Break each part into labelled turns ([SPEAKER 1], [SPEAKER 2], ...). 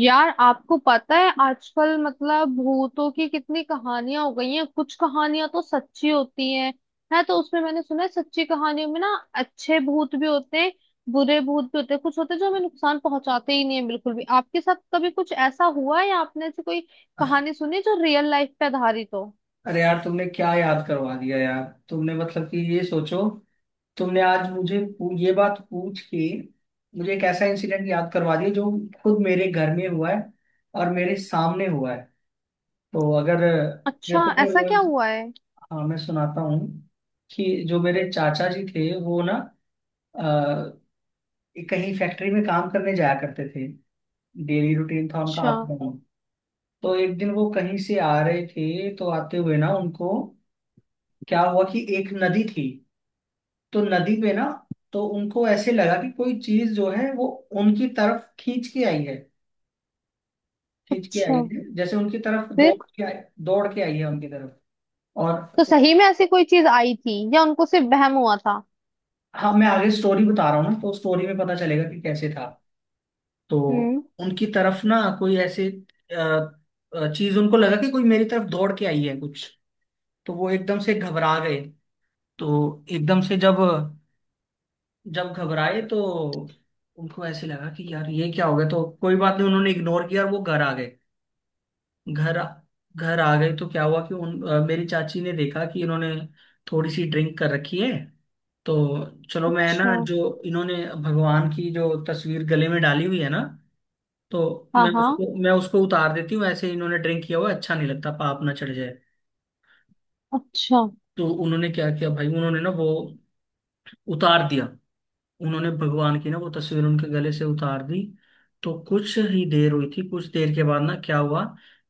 [SPEAKER 1] यार, आपको पता है आजकल मतलब भूतों की कितनी कहानियां हो गई हैं। कुछ कहानियां तो सच्ची होती हैं। है, तो उसमें मैंने सुना है सच्ची कहानियों में ना अच्छे भूत भी होते हैं, बुरे भूत भी होते हैं। कुछ होते हैं जो हमें नुकसान पहुंचाते ही नहीं है बिल्कुल भी। आपके साथ कभी कुछ ऐसा हुआ है या आपने ऐसी कोई कहानी सुनी जो रियल लाइफ पे आधारित हो?
[SPEAKER 2] अरे यार तुमने क्या याद करवा दिया यार। तुमने मतलब कि ये सोचो। तुमने आज मुझे ये बात पूछ के मुझे एक ऐसा इंसिडेंट याद करवा दिया जो खुद मेरे घर में हुआ है और मेरे सामने हुआ है। तो अगर मैं
[SPEAKER 1] अच्छा,
[SPEAKER 2] तुम्हें
[SPEAKER 1] ऐसा
[SPEAKER 2] वो।
[SPEAKER 1] क्या हुआ है?
[SPEAKER 2] हाँ, मैं सुनाता हूँ कि जो मेरे चाचा जी थे वो ना अ, कहीं फैक्ट्री में काम करने जाया करते थे। डेली रूटीन था उनका
[SPEAKER 1] अच्छा।
[SPEAKER 2] Up down. तो एक दिन वो कहीं से आ रहे थे तो आते हुए ना उनको क्या हुआ कि एक नदी थी। तो नदी पे ना तो उनको ऐसे लगा कि कोई चीज जो है वो उनकी तरफ खींच के आई है। खींच के आई
[SPEAKER 1] अच्छा।
[SPEAKER 2] है जैसे उनकी तरफ दौड़
[SPEAKER 1] फिर?
[SPEAKER 2] के आई। दौड़ के आई है उनकी तरफ। और
[SPEAKER 1] तो सही में ऐसी कोई चीज आई थी या उनको सिर्फ वहम हुआ था?
[SPEAKER 2] हाँ, मैं आगे स्टोरी बता रहा हूँ ना तो स्टोरी में पता चलेगा कि कैसे था। तो
[SPEAKER 1] हम्म।
[SPEAKER 2] उनकी तरफ ना कोई ऐसे चीज उनको लगा कि कोई मेरी तरफ दौड़ के आई है कुछ। तो वो एकदम से घबरा गए। तो एकदम से जब जब घबराए तो उनको ऐसे लगा कि यार ये क्या हो गया तो कोई बात नहीं उन्होंने इग्नोर किया और वो घर आ गए। घर आ- घर आ गए तो क्या हुआ कि मेरी चाची ने देखा कि इन्होंने थोड़ी सी ड्रिंक कर रखी है। तो चलो मैं
[SPEAKER 1] अच्छा।
[SPEAKER 2] ना जो इन्होंने भगवान की जो तस्वीर गले में डाली हुई है ना तो
[SPEAKER 1] हाँ
[SPEAKER 2] मैं
[SPEAKER 1] हाँ।
[SPEAKER 2] उसको मैं उसको उतार देती हूँ ऐसे इन्होंने ड्रिंक किया हुआ है, अच्छा नहीं लगता पाप ना चढ़ जाए।
[SPEAKER 1] अच्छा।
[SPEAKER 2] तो उन्होंने क्या किया भाई उन्होंने ना वो उतार दिया। उन्होंने भगवान की ना वो तस्वीर उनके गले से उतार दी। तो कुछ ही देर हुई थी कुछ देर के बाद ना क्या हुआ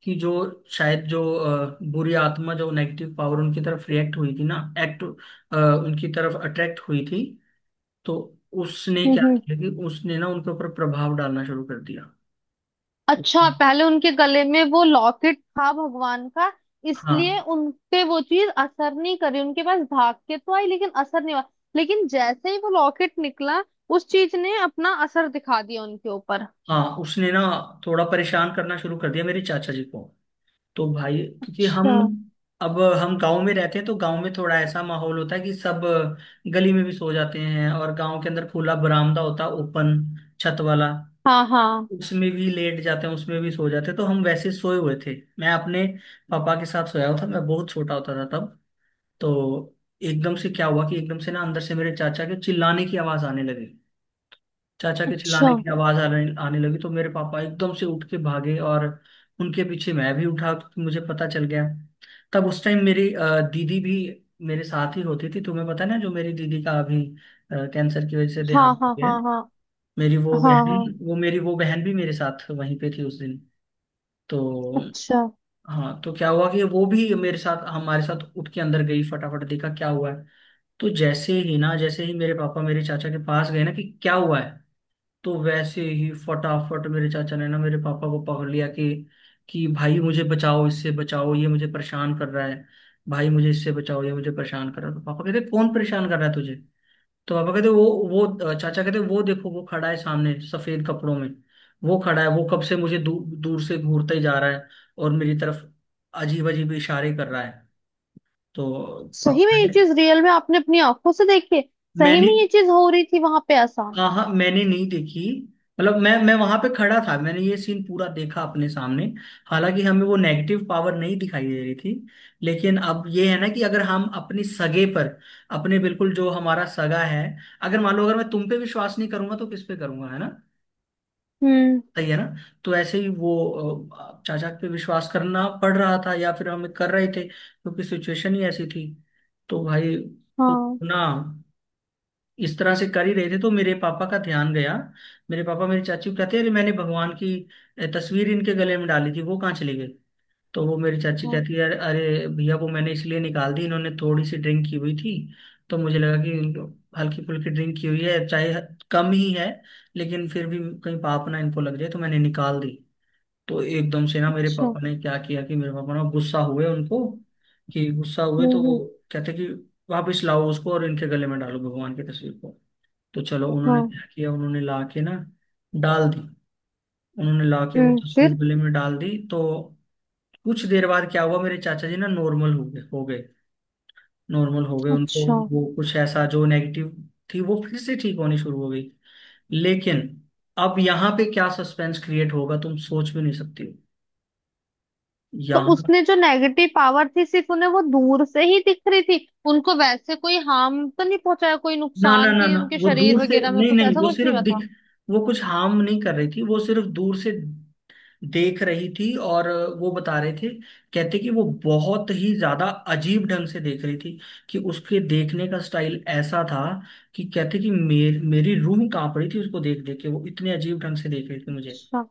[SPEAKER 2] कि जो शायद जो बुरी आत्मा जो नेगेटिव पावर उनकी तरफ रिएक्ट हुई थी ना एक्ट उनकी तरफ अट्रैक्ट हुई थी। तो उसने
[SPEAKER 1] हम्म
[SPEAKER 2] क्या
[SPEAKER 1] हम्म।
[SPEAKER 2] किया कि उसने ना उनके ऊपर प्रभाव डालना शुरू कर दिया। अच्छा,
[SPEAKER 1] अच्छा, पहले उनके गले में वो लॉकेट था भगवान का, इसलिए
[SPEAKER 2] हाँ
[SPEAKER 1] उन पे वो चीज असर नहीं करी। उनके पास भाग के तो आई लेकिन असर नहीं हुआ। लेकिन जैसे ही वो लॉकेट निकला उस चीज ने अपना असर दिखा दिया उनके ऊपर।
[SPEAKER 2] हाँ, उसने ना थोड़ा परेशान करना शुरू कर दिया मेरे चाचा जी को। तो भाई, क्योंकि हम
[SPEAKER 1] अच्छा।
[SPEAKER 2] अब हम गांव में रहते हैं तो गांव में थोड़ा ऐसा माहौल होता है कि सब गली में भी सो जाते हैं और गांव के अंदर खुला बरामदा होता है ओपन छत वाला।
[SPEAKER 1] हाँ हाँ।
[SPEAKER 2] उसमें भी लेट जाते हैं उसमें भी सो जाते हैं तो हम वैसे सोए हुए थे मैं अपने पापा के साथ सोया हुआ था मैं बहुत छोटा होता था तब। तो एकदम से क्या हुआ कि एकदम से ना अंदर से मेरे चाचा के चिल्लाने की आवाज आने लगी। चाचा के
[SPEAKER 1] अच्छा।
[SPEAKER 2] चिल्लाने की आवाज आने आने लगी तो मेरे पापा एकदम से उठ के भागे और उनके पीछे मैं भी उठा क्योंकि मुझे पता चल गया। तब उस टाइम मेरी दीदी भी मेरे साथ ही होती थी। तुम्हें पता है ना जो मेरी दीदी का अभी कैंसर की वजह से
[SPEAKER 1] हाँ
[SPEAKER 2] देहांत हो
[SPEAKER 1] हाँ
[SPEAKER 2] गया है।
[SPEAKER 1] हाँ हाँ। हाँ हाँ।
[SPEAKER 2] मेरी वो बहन भी मेरे साथ वहीं पे थी उस दिन। तो
[SPEAKER 1] अच्छा।
[SPEAKER 2] हाँ, तो क्या हुआ कि वो भी मेरे साथ हमारे साथ उठ के अंदर गई फटाफट देखा क्या हुआ है। तो जैसे ही ना जैसे ही मेरे पापा मेरे चाचा के पास गए ना कि क्या हुआ है। तो वैसे ही फटाफट मेरे चाचा ने ना मेरे पापा को पकड़ लिया कि भाई मुझे बचाओ इससे बचाओ ये मुझे परेशान कर रहा है। भाई मुझे इससे बचाओ ये मुझे परेशान कर रहा है तो पापा कहते कौन परेशान कर रहा है तुझे। तो पापा कहते वो चाचा कहते वो देखो वो खड़ा है सामने सफेद कपड़ों में। वो खड़ा है वो कब से मुझे दूर से घूरता ही जा रहा है। और मेरी तरफ अजीब अजीब इशारे कर रहा है। तो
[SPEAKER 1] सही में
[SPEAKER 2] पापा
[SPEAKER 1] ये
[SPEAKER 2] कहते
[SPEAKER 1] चीज रियल में आपने अपनी आंखों से देखी है? सही
[SPEAKER 2] मैंने
[SPEAKER 1] में ये चीज हो रही थी वहां पे ऐसा?
[SPEAKER 2] हाँ हाँ, मैंने नहीं देखी। मतलब मैं वहां पे खड़ा था मैंने ये सीन पूरा देखा अपने सामने। हालांकि हमें वो नेगेटिव पावर नहीं दिखाई दे रही थी। लेकिन अब ये है ना कि अगर हम अपनी सगे पर अपने बिल्कुल जो हमारा सगा है अगर मान लो अगर मैं तुम पे विश्वास नहीं करूंगा तो किस पे करूंगा है ना।
[SPEAKER 1] हम्म।
[SPEAKER 2] सही है ना। तो ऐसे ही वो चाचा पे विश्वास करना पड़ रहा था या फिर हम कर रहे थे क्योंकि सिचुएशन ही ऐसी थी। तो भाई, तो
[SPEAKER 1] हाँ
[SPEAKER 2] ना इस तरह से कर ही रहे थे तो मेरे पापा का ध्यान गया। मेरे पापा मेरी चाची को कहते हैं अरे मैंने भगवान की तस्वीर इनके गले में डाली थी वो कहाँ चली गई। तो वो मेरी चाची
[SPEAKER 1] हाँ।
[SPEAKER 2] कहती है अरे भैया वो मैंने इसलिए निकाल दी इन्होंने थोड़ी सी ड्रिंक की हुई थी। तो मुझे लगा कि हल्की फुल्की ड्रिंक की हुई है चाहे कम ही है लेकिन फिर भी कहीं पाप ना इनको लग जाए तो मैंने निकाल दी। तो एकदम से ना मेरे
[SPEAKER 1] अच्छा।
[SPEAKER 2] पापा ने क्या किया कि मेरे पापा ना गुस्सा हुए उनको कि गुस्सा हुए तो वो
[SPEAKER 1] हम्म।
[SPEAKER 2] कहते कि वापस लाओ उसको और इनके गले में डालो भगवान की तस्वीर को। तो चलो उन्होंने
[SPEAKER 1] हाँ।
[SPEAKER 2] क्या किया उन्होंने ला के ना डाल दी। उन्होंने ला के वो
[SPEAKER 1] हम्म।
[SPEAKER 2] तस्वीर
[SPEAKER 1] फिर?
[SPEAKER 2] गले में डाल दी तो कुछ देर बाद क्या हुआ मेरे चाचा जी ना नॉर्मल हो गए नॉर्मल हो गए उनको।
[SPEAKER 1] अच्छा।
[SPEAKER 2] वो कुछ ऐसा जो नेगेटिव थी वो फिर से ठीक होनी शुरू हो गई। लेकिन अब यहाँ पे क्या सस्पेंस क्रिएट होगा तुम सोच भी नहीं सकती हो।
[SPEAKER 1] तो
[SPEAKER 2] यहाँ,
[SPEAKER 1] उसमें जो नेगेटिव पावर थी सिर्फ उन्हें वो दूर से ही दिख रही थी? उनको वैसे कोई हार्म तो नहीं पहुंचाया, कोई
[SPEAKER 2] ना ना
[SPEAKER 1] नुकसान
[SPEAKER 2] ना
[SPEAKER 1] की
[SPEAKER 2] ना,
[SPEAKER 1] उनके
[SPEAKER 2] वो
[SPEAKER 1] शरीर
[SPEAKER 2] दूर से
[SPEAKER 1] वगैरह में
[SPEAKER 2] नहीं
[SPEAKER 1] कुछ
[SPEAKER 2] नहीं,
[SPEAKER 1] ऐसा
[SPEAKER 2] वो
[SPEAKER 1] कुछ नहीं
[SPEAKER 2] सिर्फ
[SPEAKER 1] हुआ
[SPEAKER 2] दिख
[SPEAKER 1] था?
[SPEAKER 2] वो कुछ हार्म नहीं कर रही थी वो सिर्फ दूर से देख रही थी और वो बता रहे थे। कहते कि वो बहुत ही ज्यादा अजीब ढंग से देख रही थी। कि उसके देखने का स्टाइल ऐसा था। कि कहते कि मेरी रूह कांप रही थी उसको देख देख के वो इतने अजीब ढंग से देख रही थी मुझे।
[SPEAKER 1] अच्छा।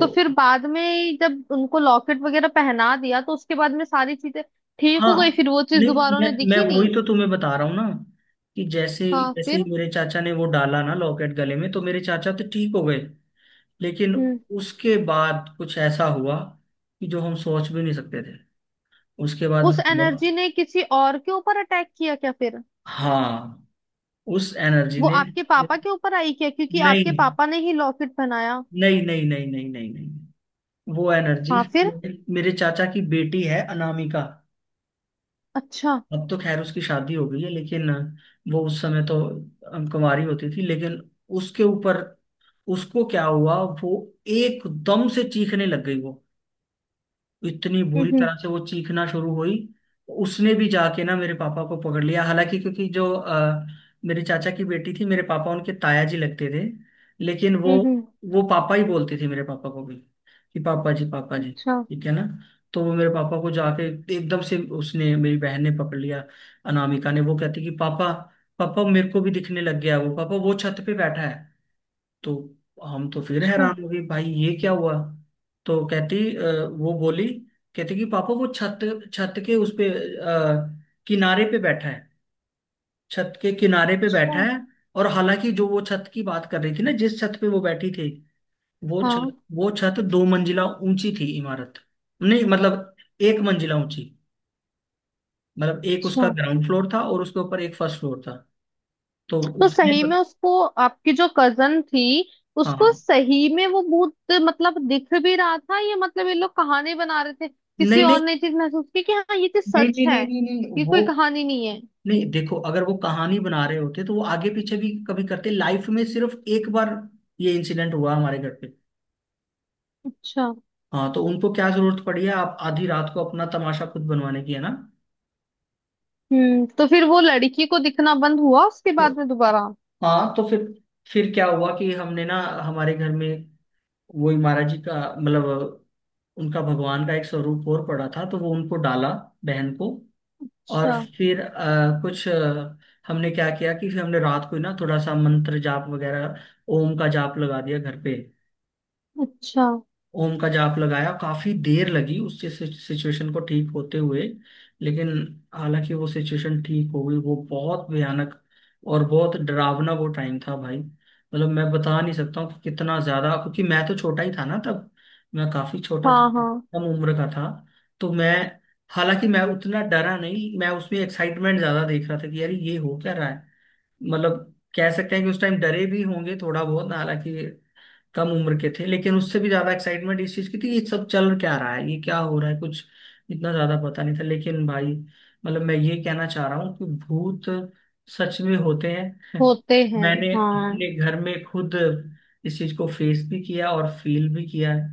[SPEAKER 1] तो फिर बाद में जब उनको लॉकेट वगैरह पहना दिया तो उसके बाद में सारी चीजें ठीक हो गई?
[SPEAKER 2] हाँ,
[SPEAKER 1] फिर वो चीज
[SPEAKER 2] नहीं
[SPEAKER 1] दोबारा
[SPEAKER 2] मैं
[SPEAKER 1] उन्हें
[SPEAKER 2] मैं
[SPEAKER 1] दिखी
[SPEAKER 2] वही
[SPEAKER 1] नहीं?
[SPEAKER 2] तो तुम्हें बता रहा हूँ ना। कि जैसे
[SPEAKER 1] हाँ।
[SPEAKER 2] जैसे ही
[SPEAKER 1] फिर?
[SPEAKER 2] मेरे चाचा ने वो डाला ना लॉकेट गले में तो मेरे चाचा तो ठीक हो गए। लेकिन
[SPEAKER 1] हम्म।
[SPEAKER 2] उसके बाद कुछ ऐसा हुआ कि जो हम सोच भी नहीं सकते थे उसके बाद
[SPEAKER 1] उस
[SPEAKER 2] हुआ।
[SPEAKER 1] एनर्जी ने किसी और के ऊपर अटैक किया क्या फिर?
[SPEAKER 2] हाँ, उस एनर्जी
[SPEAKER 1] वो
[SPEAKER 2] ने
[SPEAKER 1] आपके पापा के ऊपर आई क्या, क्योंकि आपके
[SPEAKER 2] नहीं
[SPEAKER 1] पापा ने ही लॉकेट पहनाया?
[SPEAKER 2] नहीं नहीं नहीं नहीं नहीं नहीं, वो एनर्जी
[SPEAKER 1] हाँ। फिर?
[SPEAKER 2] मेरे मेरे चाचा की बेटी है अनामिका।
[SPEAKER 1] अच्छा।
[SPEAKER 2] अब तो खैर उसकी शादी हो गई है लेकिन वो उस समय तो कुंवारी होती थी लेकिन उसके ऊपर उसको क्या हुआ वो एकदम से चीखने लग गई। वो इतनी बुरी
[SPEAKER 1] हम्म।
[SPEAKER 2] तरह से वो चीखना शुरू हुई। तो उसने भी जाके ना मेरे पापा को पकड़ लिया हालांकि क्योंकि जो मेरे चाचा की बेटी थी मेरे पापा उनके ताया जी लगते थे। लेकिन वो
[SPEAKER 1] हम्म हम्म।
[SPEAKER 2] वो पापा ही बोलते थे मेरे पापा को भी कि पापा जी पापा जी।
[SPEAKER 1] अच्छा।
[SPEAKER 2] ठीक है ना। तो वो मेरे पापा को जाके एकदम से उसने मेरी बहन ने पकड़ लिया अनामिका ने। वो कहती कि पापा पापा मेरे को भी दिखने लग गया वो पापा वो छत पे बैठा है। तो हम तो फिर
[SPEAKER 1] अच्छा।
[SPEAKER 2] हैरान हो गए भाई ये क्या हुआ। तो कहती वो बोली कहती कि पापा वो छत छत के उस पे किनारे पे बैठा है। छत के किनारे पे
[SPEAKER 1] अच्छा।
[SPEAKER 2] बैठा है। और हालांकि जो वो छत की बात कर रही थी ना जिस छत पे वो बैठी थी। वो छत
[SPEAKER 1] हाँ।
[SPEAKER 2] वो छत दो मंजिला ऊंची थी इमारत। नहीं मतलब एक मंजिला ऊंची। मतलब एक उसका
[SPEAKER 1] अच्छा।
[SPEAKER 2] ग्राउंड फ्लोर था और उसके ऊपर एक फर्स्ट फ्लोर था। तो
[SPEAKER 1] तो
[SPEAKER 2] उसने
[SPEAKER 1] सही में उसको आपकी जो कजन थी उसको
[SPEAKER 2] हाँ,
[SPEAKER 1] सही में वो भूत मतलब दिख भी रहा था? ये मतलब ये लोग कहानी बना रहे थे किसी
[SPEAKER 2] नहीं नहीं
[SPEAKER 1] और ने चीज महसूस की कि हाँ ये चीज
[SPEAKER 2] नहीं
[SPEAKER 1] सच
[SPEAKER 2] नहीं
[SPEAKER 1] है?
[SPEAKER 2] नहीं नहीं नहीं,
[SPEAKER 1] ये कोई
[SPEAKER 2] वो
[SPEAKER 1] कहानी नहीं है।
[SPEAKER 2] नहीं देखो अगर वो कहानी बना रहे होते तो वो आगे पीछे भी कभी करते लाइफ में सिर्फ एक बार ये इंसिडेंट हुआ हमारे घर पे।
[SPEAKER 1] अच्छा।
[SPEAKER 2] हाँ, तो उनको क्या जरूरत पड़ी है आप आधी रात को अपना तमाशा खुद बनवाने की है ना।
[SPEAKER 1] हम्म। तो फिर वो लड़की को दिखना बंद हुआ उसके
[SPEAKER 2] तो
[SPEAKER 1] बाद में दोबारा?
[SPEAKER 2] हाँ, तो फिर क्या हुआ कि हमने ना हमारे घर में वही महाराज जी का मतलब उनका भगवान का एक स्वरूप और पड़ा था तो वो उनको डाला बहन को। और
[SPEAKER 1] अच्छा।
[SPEAKER 2] फिर कुछ हमने क्या किया कि फिर हमने रात को ही ना थोड़ा सा मंत्र जाप वगैरह ओम का जाप लगा दिया घर पे।
[SPEAKER 1] अच्छा।
[SPEAKER 2] ओम का जाप लगाया काफी देर लगी उस सिचुएशन को ठीक होते हुए। लेकिन हालांकि वो सिचुएशन ठीक हो गई वो बहुत भयानक और बहुत डरावना वो टाइम था भाई मतलब मैं बता नहीं सकता हूँ कि कितना ज्यादा क्योंकि मैं तो छोटा ही था ना तब। मैं काफी छोटा था
[SPEAKER 1] हाँ हाँ।
[SPEAKER 2] कम उम्र का था। तो मैं हालांकि मैं उतना डरा नहीं मैं उसमें एक्साइटमेंट ज्यादा देख रहा था कि यार ये हो क्या रहा है। मतलब कह सकते हैं कि उस टाइम डरे भी होंगे थोड़ा बहुत हालांकि कम उम्र के थे लेकिन उससे भी ज्यादा एक्साइटमेंट इस चीज की थी ये सब चल क्या रहा है ये क्या हो रहा है कुछ इतना ज्यादा पता नहीं था लेकिन भाई मतलब मैं ये कहना चाह रहा हूँ कि भूत सच में होते हैं।
[SPEAKER 1] होते हैं।
[SPEAKER 2] मैंने
[SPEAKER 1] हाँ।
[SPEAKER 2] अपने घर में खुद इस चीज को फेस भी किया और फील भी किया है।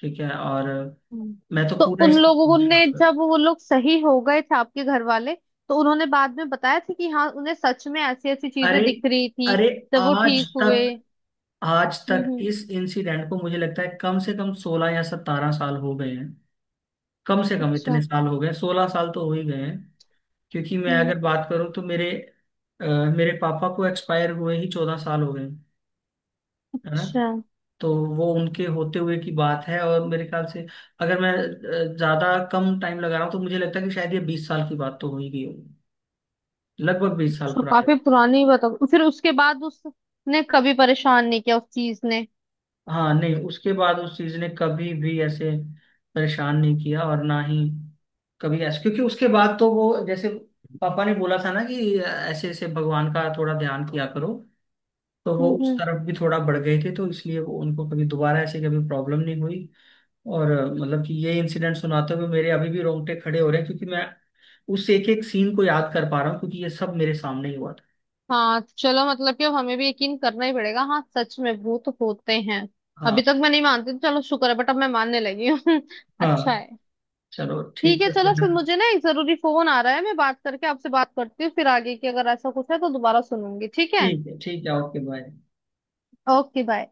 [SPEAKER 2] ठीक है और
[SPEAKER 1] हम्म।
[SPEAKER 2] मैं तो
[SPEAKER 1] तो
[SPEAKER 2] पूरा
[SPEAKER 1] उन
[SPEAKER 2] इस
[SPEAKER 1] लोगों ने
[SPEAKER 2] विश्वास कर
[SPEAKER 1] जब वो लोग सही हो गए थे आपके घर वाले तो उन्होंने बाद में बताया था कि हाँ उन्हें सच में ऐसी ऐसी चीजें
[SPEAKER 2] अरे
[SPEAKER 1] दिख रही थी
[SPEAKER 2] अरे,
[SPEAKER 1] जब वो
[SPEAKER 2] आज
[SPEAKER 1] ठीक हुए?
[SPEAKER 2] तक आज तक
[SPEAKER 1] हम्म।
[SPEAKER 2] इस इंसिडेंट को मुझे लगता है कम से कम 16 या 17 साल हो गए। कम से कम
[SPEAKER 1] अच्छा।
[SPEAKER 2] इतने साल हो गए 16 साल तो हो ही गए हैं। क्योंकि मैं
[SPEAKER 1] हम्म।
[SPEAKER 2] अगर बात करूं तो अ, मेरे पापा को एक्सपायर हुए ही 14 साल हो गए हैं, है ना।
[SPEAKER 1] अच्छा।
[SPEAKER 2] तो वो उनके होते हुए की बात है और मेरे ख्याल से अगर मैं ज्यादा कम टाइम लगा रहा हूँ तो मुझे लगता है कि शायद ये 20 साल की बात तो हो ही गई होगी। लगभग 20 साल
[SPEAKER 1] अच्छा,
[SPEAKER 2] पुरानी।
[SPEAKER 1] काफी पुरानी बात फिर उसके बाद उसने कभी परेशान नहीं किया उस चीज ने?
[SPEAKER 2] हाँ, नहीं उसके बाद उस चीज ने कभी भी ऐसे परेशान नहीं किया और ना ही कभी ऐसे क्योंकि उसके बाद तो वो जैसे पापा ने बोला था ना कि ऐसे ऐसे भगवान का थोड़ा ध्यान किया करो। तो वो उस
[SPEAKER 1] हम्म।
[SPEAKER 2] तरफ भी थोड़ा बढ़ गए थे तो इसलिए वो उनको कभी दोबारा ऐसे कभी प्रॉब्लम नहीं हुई। और मतलब कि ये इंसिडेंट सुनाते हुए मेरे अभी भी रोंगटे खड़े हो रहे हैं क्योंकि मैं उस एक एक सीन को याद कर पा रहा हूँ क्योंकि ये सब मेरे सामने ही हुआ था।
[SPEAKER 1] हाँ, तो चलो मतलब कि अब हमें भी यकीन करना ही पड़ेगा। हाँ, सच में भूत होते हैं।
[SPEAKER 2] हाँ
[SPEAKER 1] अभी तक मैं नहीं मानती थी, चलो शुक्र है बट अब मैं मानने लगी हूँ। अच्छा
[SPEAKER 2] हाँ,
[SPEAKER 1] है।
[SPEAKER 2] चलो
[SPEAKER 1] ठीक
[SPEAKER 2] ठीक
[SPEAKER 1] है,
[SPEAKER 2] है
[SPEAKER 1] चलो
[SPEAKER 2] फिर।
[SPEAKER 1] फिर मुझे ना एक जरूरी फोन आ रहा है, मैं बात करके आपसे बात करती हूँ फिर आगे की अगर ऐसा कुछ है तो दोबारा सुनूंगी। ठीक है।
[SPEAKER 2] ठीक है ओके बाय।
[SPEAKER 1] Okay bye.